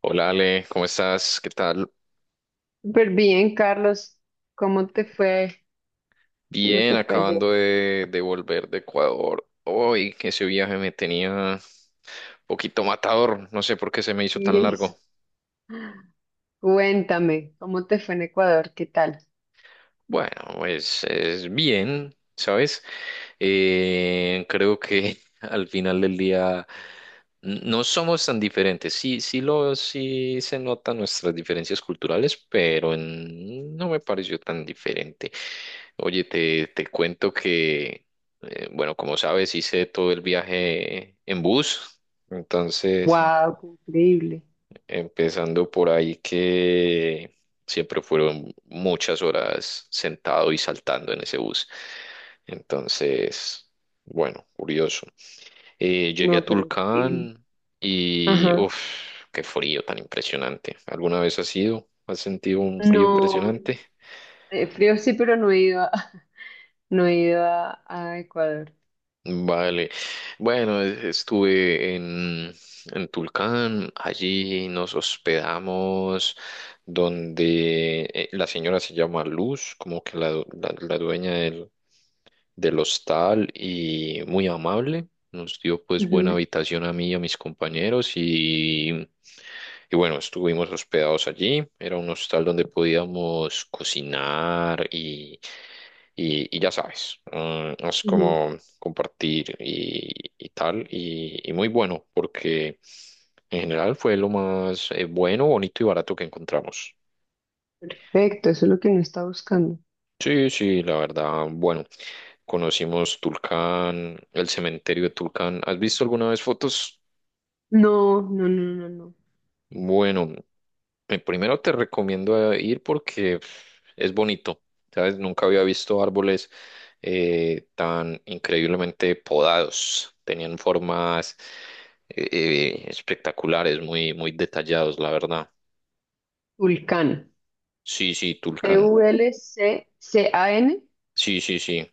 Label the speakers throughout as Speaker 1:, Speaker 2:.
Speaker 1: Hola Ale, ¿cómo estás? ¿Qué tal?
Speaker 2: Súper bien, Carlos. ¿Cómo te fue? ¿Cómo
Speaker 1: Bien,
Speaker 2: te fue ayer?
Speaker 1: acabando de volver de Ecuador. Hoy que ese viaje me tenía un poquito matador, no sé por qué se me hizo
Speaker 2: Y
Speaker 1: tan
Speaker 2: eso.
Speaker 1: largo.
Speaker 2: Cuéntame, ¿cómo te fue en Ecuador? ¿Qué tal?
Speaker 1: Bueno, pues es bien, ¿sabes? Creo que al final del día no somos tan diferentes. Sí, sí se notan nuestras diferencias culturales, pero no me pareció tan diferente. Oye, te cuento que, bueno, como sabes, hice todo el viaje en bus, entonces,
Speaker 2: Wow, qué increíble.
Speaker 1: empezando por ahí que siempre fueron muchas horas sentado y saltando en ese bus. Entonces, bueno, curioso. Llegué a
Speaker 2: No, pero increíble.
Speaker 1: Tulcán y,
Speaker 2: Ajá.
Speaker 1: uff, qué frío tan impresionante. ¿Alguna vez has ido? ¿Has sentido un frío
Speaker 2: No,
Speaker 1: impresionante?
Speaker 2: frío sí, pero no he ido a, no he ido a Ecuador.
Speaker 1: Vale. Bueno, estuve en Tulcán, allí nos hospedamos donde la señora se llama Luz, como que la, la dueña del, del hostal y muy amable. Nos dio pues
Speaker 2: Ujú,
Speaker 1: buena habitación a mí y a mis compañeros y bueno, estuvimos hospedados allí. Era un hostal donde podíamos cocinar y ya sabes, es
Speaker 2: ujú.
Speaker 1: como compartir y tal, y muy bueno, porque en general fue lo más bueno, bonito y barato que encontramos.
Speaker 2: Perfecto, eso es lo que uno está buscando.
Speaker 1: Sí, sí, la verdad, bueno, conocimos Tulcán, el cementerio de Tulcán. ¿Has visto alguna vez fotos?
Speaker 2: No, no, no, no, no.
Speaker 1: Bueno, primero te recomiendo ir porque pf, es bonito, ¿sabes? Nunca había visto árboles tan increíblemente podados. Tenían formas espectaculares, muy, muy detallados, la verdad.
Speaker 2: Vulcano.
Speaker 1: Sí, sí, Tulcán.
Speaker 2: T-U-L-C-C-A-N.
Speaker 1: Sí, sí, sí.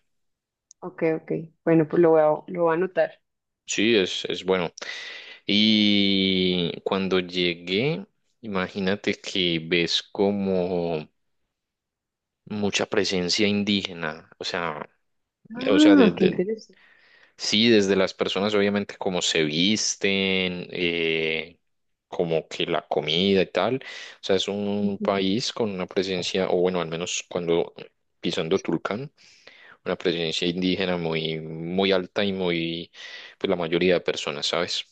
Speaker 2: Ok, ok. Bueno, pues lo voy a anotar.
Speaker 1: Sí, es bueno. Y cuando llegué, imagínate que ves como mucha presencia indígena, o sea… O sea,
Speaker 2: Ah, qué
Speaker 1: de-
Speaker 2: interesante.
Speaker 1: Sí, desde las personas, obviamente, cómo se visten, como que la comida y tal. O sea, es un país con una presencia, o bueno, al menos cuando pisando Tulcán, una presencia indígena muy, muy alta y muy, pues la mayoría de personas, ¿sabes?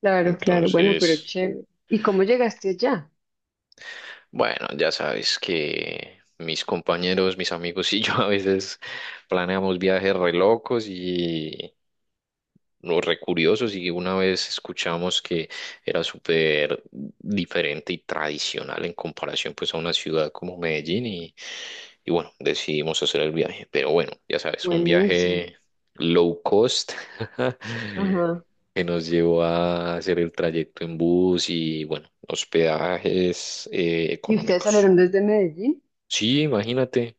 Speaker 2: Claro, claro. Bueno, pero
Speaker 1: Entonces,
Speaker 2: chévere. ¿Y cómo llegaste allá?
Speaker 1: bueno, ya sabes que mis compañeros, mis amigos y yo a veces planeamos viajes re locos y, lo recuriosos y una vez escuchamos que era súper diferente y tradicional en comparación pues a una ciudad como Medellín y bueno, decidimos hacer el viaje. Pero bueno, ya sabes, un
Speaker 2: Buenísimo.
Speaker 1: viaje low cost
Speaker 2: Ajá.
Speaker 1: que nos llevó a hacer el trayecto en bus y bueno, hospedajes
Speaker 2: ¿Y ustedes
Speaker 1: económicos.
Speaker 2: salieron desde Medellín?
Speaker 1: Sí, imagínate.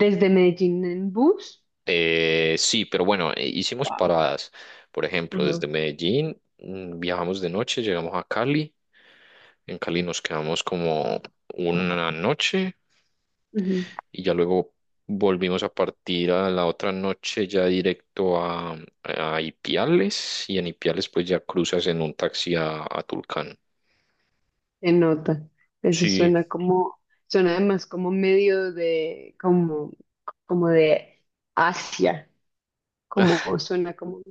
Speaker 2: ¿Desde Medellín en bus?
Speaker 1: Sí, pero bueno, hicimos
Speaker 2: Wow.
Speaker 1: paradas. Por ejemplo,
Speaker 2: Ajá.
Speaker 1: desde Medellín viajamos de noche, llegamos a Cali. En Cali nos quedamos como una noche
Speaker 2: Ujú.
Speaker 1: y ya luego volvimos a partir a la otra noche ya directo a Ipiales y en Ipiales pues ya cruzas en un taxi a Tulcán.
Speaker 2: Se nota. Eso
Speaker 1: Sí.
Speaker 2: suena como, suena además como medio de, como, como de Asia. Como suena como,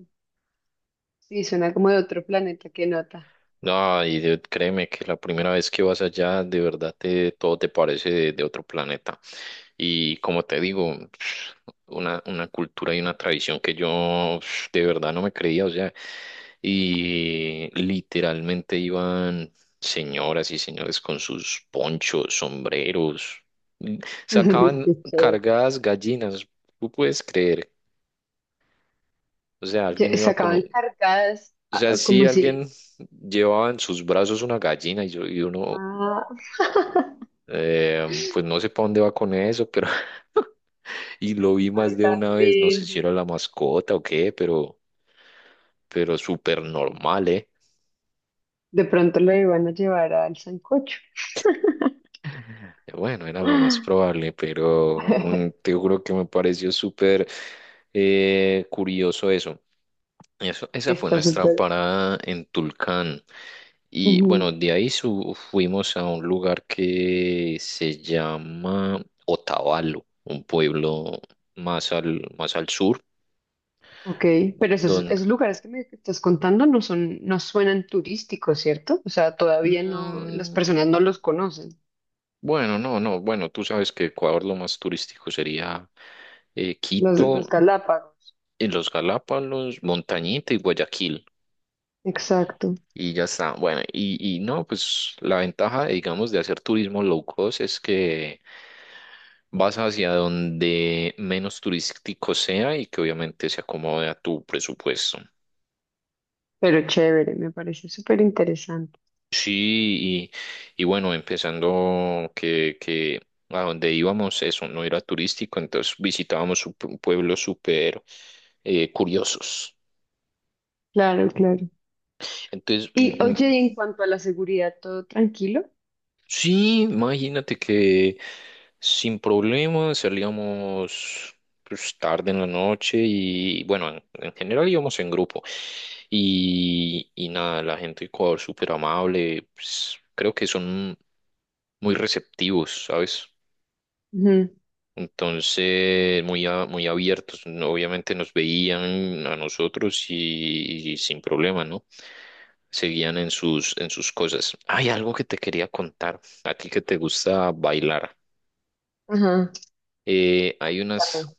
Speaker 2: sí, suena como de otro planeta. Qué nota.
Speaker 1: No, y de- Créeme que la primera vez que vas allá, de verdad te, todo te parece de otro planeta. Y como te digo, una cultura y una tradición que yo de verdad no me creía, o sea, y literalmente iban señoras y señores con sus ponchos, sombreros, mm, sacaban
Speaker 2: Qué chévere.
Speaker 1: cargadas gallinas, tú puedes creer, o sea, alguien iba con,
Speaker 2: Sacaban cargadas,
Speaker 1: o sea,
Speaker 2: ah,
Speaker 1: si
Speaker 2: como si.
Speaker 1: alguien llevaba en sus brazos una gallina y, yo, y uno,
Speaker 2: Ah.
Speaker 1: pues no sé para dónde va con eso, pero y lo vi más
Speaker 2: Ay,
Speaker 1: de una vez, no sé si
Speaker 2: también.
Speaker 1: era la mascota o qué, pero súper normal, ¿eh?
Speaker 2: De pronto lo iban a llevar al sancocho.
Speaker 1: Bueno, era lo más probable, pero te juro que me pareció súper curioso eso. Eso, esa fue
Speaker 2: Está
Speaker 1: nuestra
Speaker 2: súper.
Speaker 1: parada en Tulcán. Y bueno,
Speaker 2: Ujú.
Speaker 1: de ahí fuimos a un lugar que se llama Otavalo, un pueblo más al sur,
Speaker 2: Ok, pero esos,
Speaker 1: donde…
Speaker 2: esos lugares que me estás contando no son, no suenan turísticos, ¿cierto? O sea, todavía no, las personas
Speaker 1: Mm,
Speaker 2: no los conocen,
Speaker 1: bueno, no, no, bueno, tú sabes que Ecuador lo más turístico sería Quito,
Speaker 2: los Galápagos.
Speaker 1: los Galápagos, Montañita y Guayaquil.
Speaker 2: Exacto,
Speaker 1: Y ya está. Bueno, y no, pues la ventaja, digamos, de hacer turismo low cost es que vas hacia donde menos turístico sea y que obviamente se acomode a tu presupuesto.
Speaker 2: pero chévere, me parece súper interesante.
Speaker 1: Sí, y bueno, empezando que a donde íbamos, eso no era turístico, entonces visitábamos pueblos súper curiosos.
Speaker 2: Claro, claro.
Speaker 1: Entonces,
Speaker 2: Y oye, y en cuanto a la seguridad, ¿todo tranquilo?
Speaker 1: sí, imagínate que sin problemas salíamos pues, tarde en la noche y bueno, en general íbamos en grupo y nada, la gente de Ecuador súper amable, pues, creo que son muy receptivos, ¿sabes?
Speaker 2: Ujú.
Speaker 1: Entonces, muy, muy abiertos, obviamente nos veían a nosotros y sin problema, ¿no? Seguían en sus cosas. Hay algo que te quería contar, a ti que te gusta bailar.
Speaker 2: Ajá.
Speaker 1: Hay unas,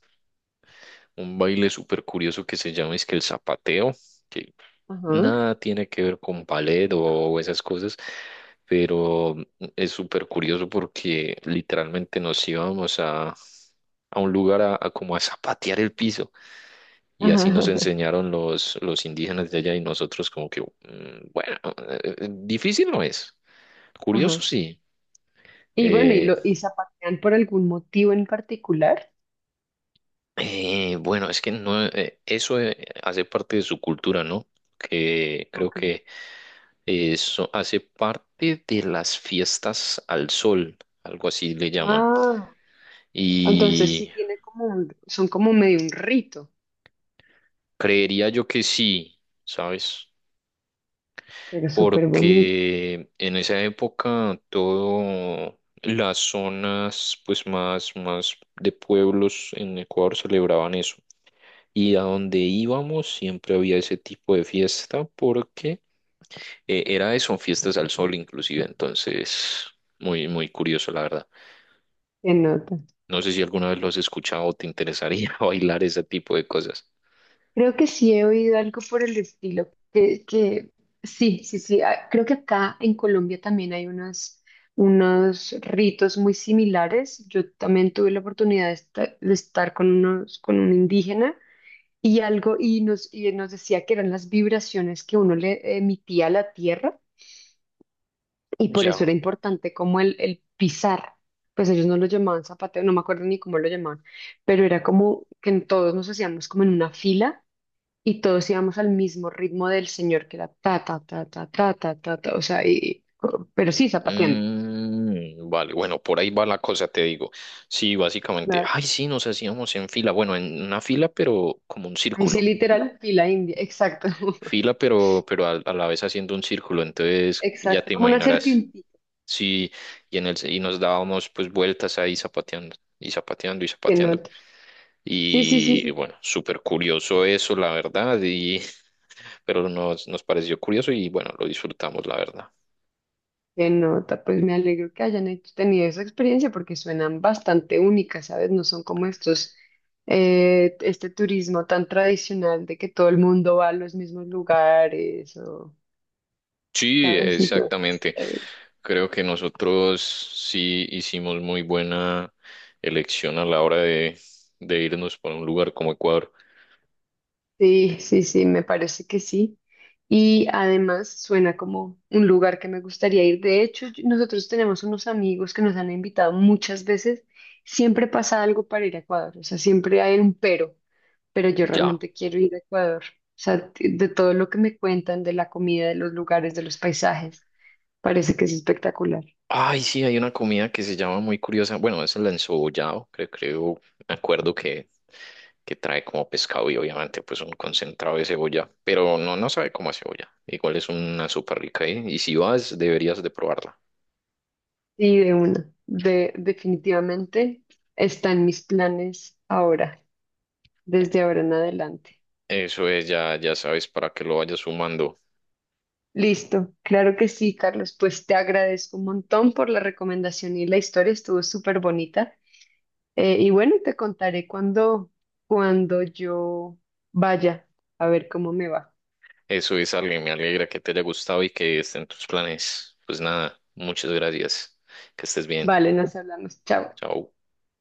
Speaker 1: un baile súper curioso que se llama es que el zapateo, que
Speaker 2: Ajá.
Speaker 1: nada tiene que ver con ballet o esas cosas, pero es súper curioso porque literalmente nos íbamos a un lugar a como a zapatear el piso. Y
Speaker 2: Ajá.
Speaker 1: así nos
Speaker 2: Ajá.
Speaker 1: enseñaron los indígenas de allá y nosotros como que, bueno, difícil no es, curioso
Speaker 2: Ajá.
Speaker 1: sí.
Speaker 2: Y bueno,
Speaker 1: Eh,
Speaker 2: y zapatean por algún motivo en particular.
Speaker 1: bueno, es que no, eso hace parte de su cultura, ¿no? Que creo
Speaker 2: Ok.
Speaker 1: que eso hace parte de las fiestas al sol, algo así le llaman.
Speaker 2: Ah, entonces sí
Speaker 1: Y
Speaker 2: tiene como un, son como medio un rito,
Speaker 1: creería yo que sí, ¿sabes?
Speaker 2: pero súper bonito.
Speaker 1: Porque en esa época todo las zonas pues más más de pueblos en Ecuador celebraban eso y a donde íbamos siempre había ese tipo de fiesta porque era eso, fiestas al sol inclusive, entonces muy muy curioso la verdad.
Speaker 2: Se nota.
Speaker 1: No sé si alguna vez lo has escuchado o te interesaría bailar ese tipo de cosas.
Speaker 2: Creo que sí he oído algo por el estilo, que sí, sí, sí. Ah, creo que acá en Colombia también hay unos, unos ritos muy similares. Yo también tuve la oportunidad de de estar, con unos, con un indígena y algo, y nos decía que eran las vibraciones que uno le emitía a la tierra, y por eso era
Speaker 1: Ya.
Speaker 2: importante como el pisar. Pues ellos no lo llamaban zapateo, no me acuerdo ni cómo lo llamaban, pero era como que en todos nos hacíamos como en una fila y todos íbamos al mismo ritmo del señor, que era ta, ta, ta, ta, ta, ta, ta, ta, o sea, y, pero sí zapateando.
Speaker 1: Vale, bueno, por ahí va la cosa, te digo. Sí, básicamente,
Speaker 2: Claro.
Speaker 1: ay, sí, nos hacíamos en fila, bueno, en una fila, pero como un
Speaker 2: Ahí sí,
Speaker 1: círculo.
Speaker 2: literal, fila india, exacto,
Speaker 1: Fila, pero a la vez haciendo un círculo, entonces ya
Speaker 2: exacto,
Speaker 1: te
Speaker 2: como una
Speaker 1: imaginarás.
Speaker 2: serpientita
Speaker 1: Sí, y en el y nos dábamos pues vueltas ahí zapateando y zapateando y
Speaker 2: que no.
Speaker 1: zapateando.
Speaker 2: Sí, sí, sí,
Speaker 1: Y
Speaker 2: sí,
Speaker 1: bueno, súper curioso eso, la verdad, y pero nos, nos pareció curioso y bueno, lo disfrutamos, la verdad.
Speaker 2: qué nota, pues me alegro que hayan tenido esa experiencia porque suenan bastante únicas, ¿sabes? No son como estos, este turismo tan tradicional de que todo el mundo va a los mismos lugares, o,
Speaker 1: Sí,
Speaker 2: ¿sabes? Entonces,
Speaker 1: exactamente.
Speaker 2: chévere.
Speaker 1: Creo que nosotros sí hicimos muy buena elección a la hora de irnos por un lugar como Ecuador.
Speaker 2: Sí, sí, sí, me parece que sí. Y además suena como un lugar que me gustaría ir. De hecho, nosotros tenemos unos amigos que nos han invitado muchas veces. Siempre pasa algo para ir a Ecuador, o sea, siempre hay un pero yo
Speaker 1: Ya.
Speaker 2: realmente quiero ir a Ecuador. O sea, de todo lo que me cuentan, de la comida, de los lugares, de los paisajes, parece que es espectacular.
Speaker 1: Ay, sí, hay una comida que se llama muy curiosa. Bueno, es el encebollado, creo, creo, me acuerdo que trae como pescado y obviamente pues un concentrado de cebolla, pero no, no sabe cómo a cebolla. Igual es una súper rica, ¿eh? Y si vas, deberías de probarla.
Speaker 2: Sí, de una, de, definitivamente está en mis planes ahora, desde ahora en adelante.
Speaker 1: Eso es, ya, ya sabes para que lo vayas sumando.
Speaker 2: Listo, claro que sí, Carlos. Pues te agradezco un montón por la recomendación y la historia estuvo súper bonita. Y bueno, te contaré cuando, cuando yo vaya a ver cómo me va.
Speaker 1: Eso es algo, me alegra que te haya gustado y que estén tus planes. Pues nada, muchas gracias. Que estés bien.
Speaker 2: Vale, nos hablamos. Chao.
Speaker 1: Chao.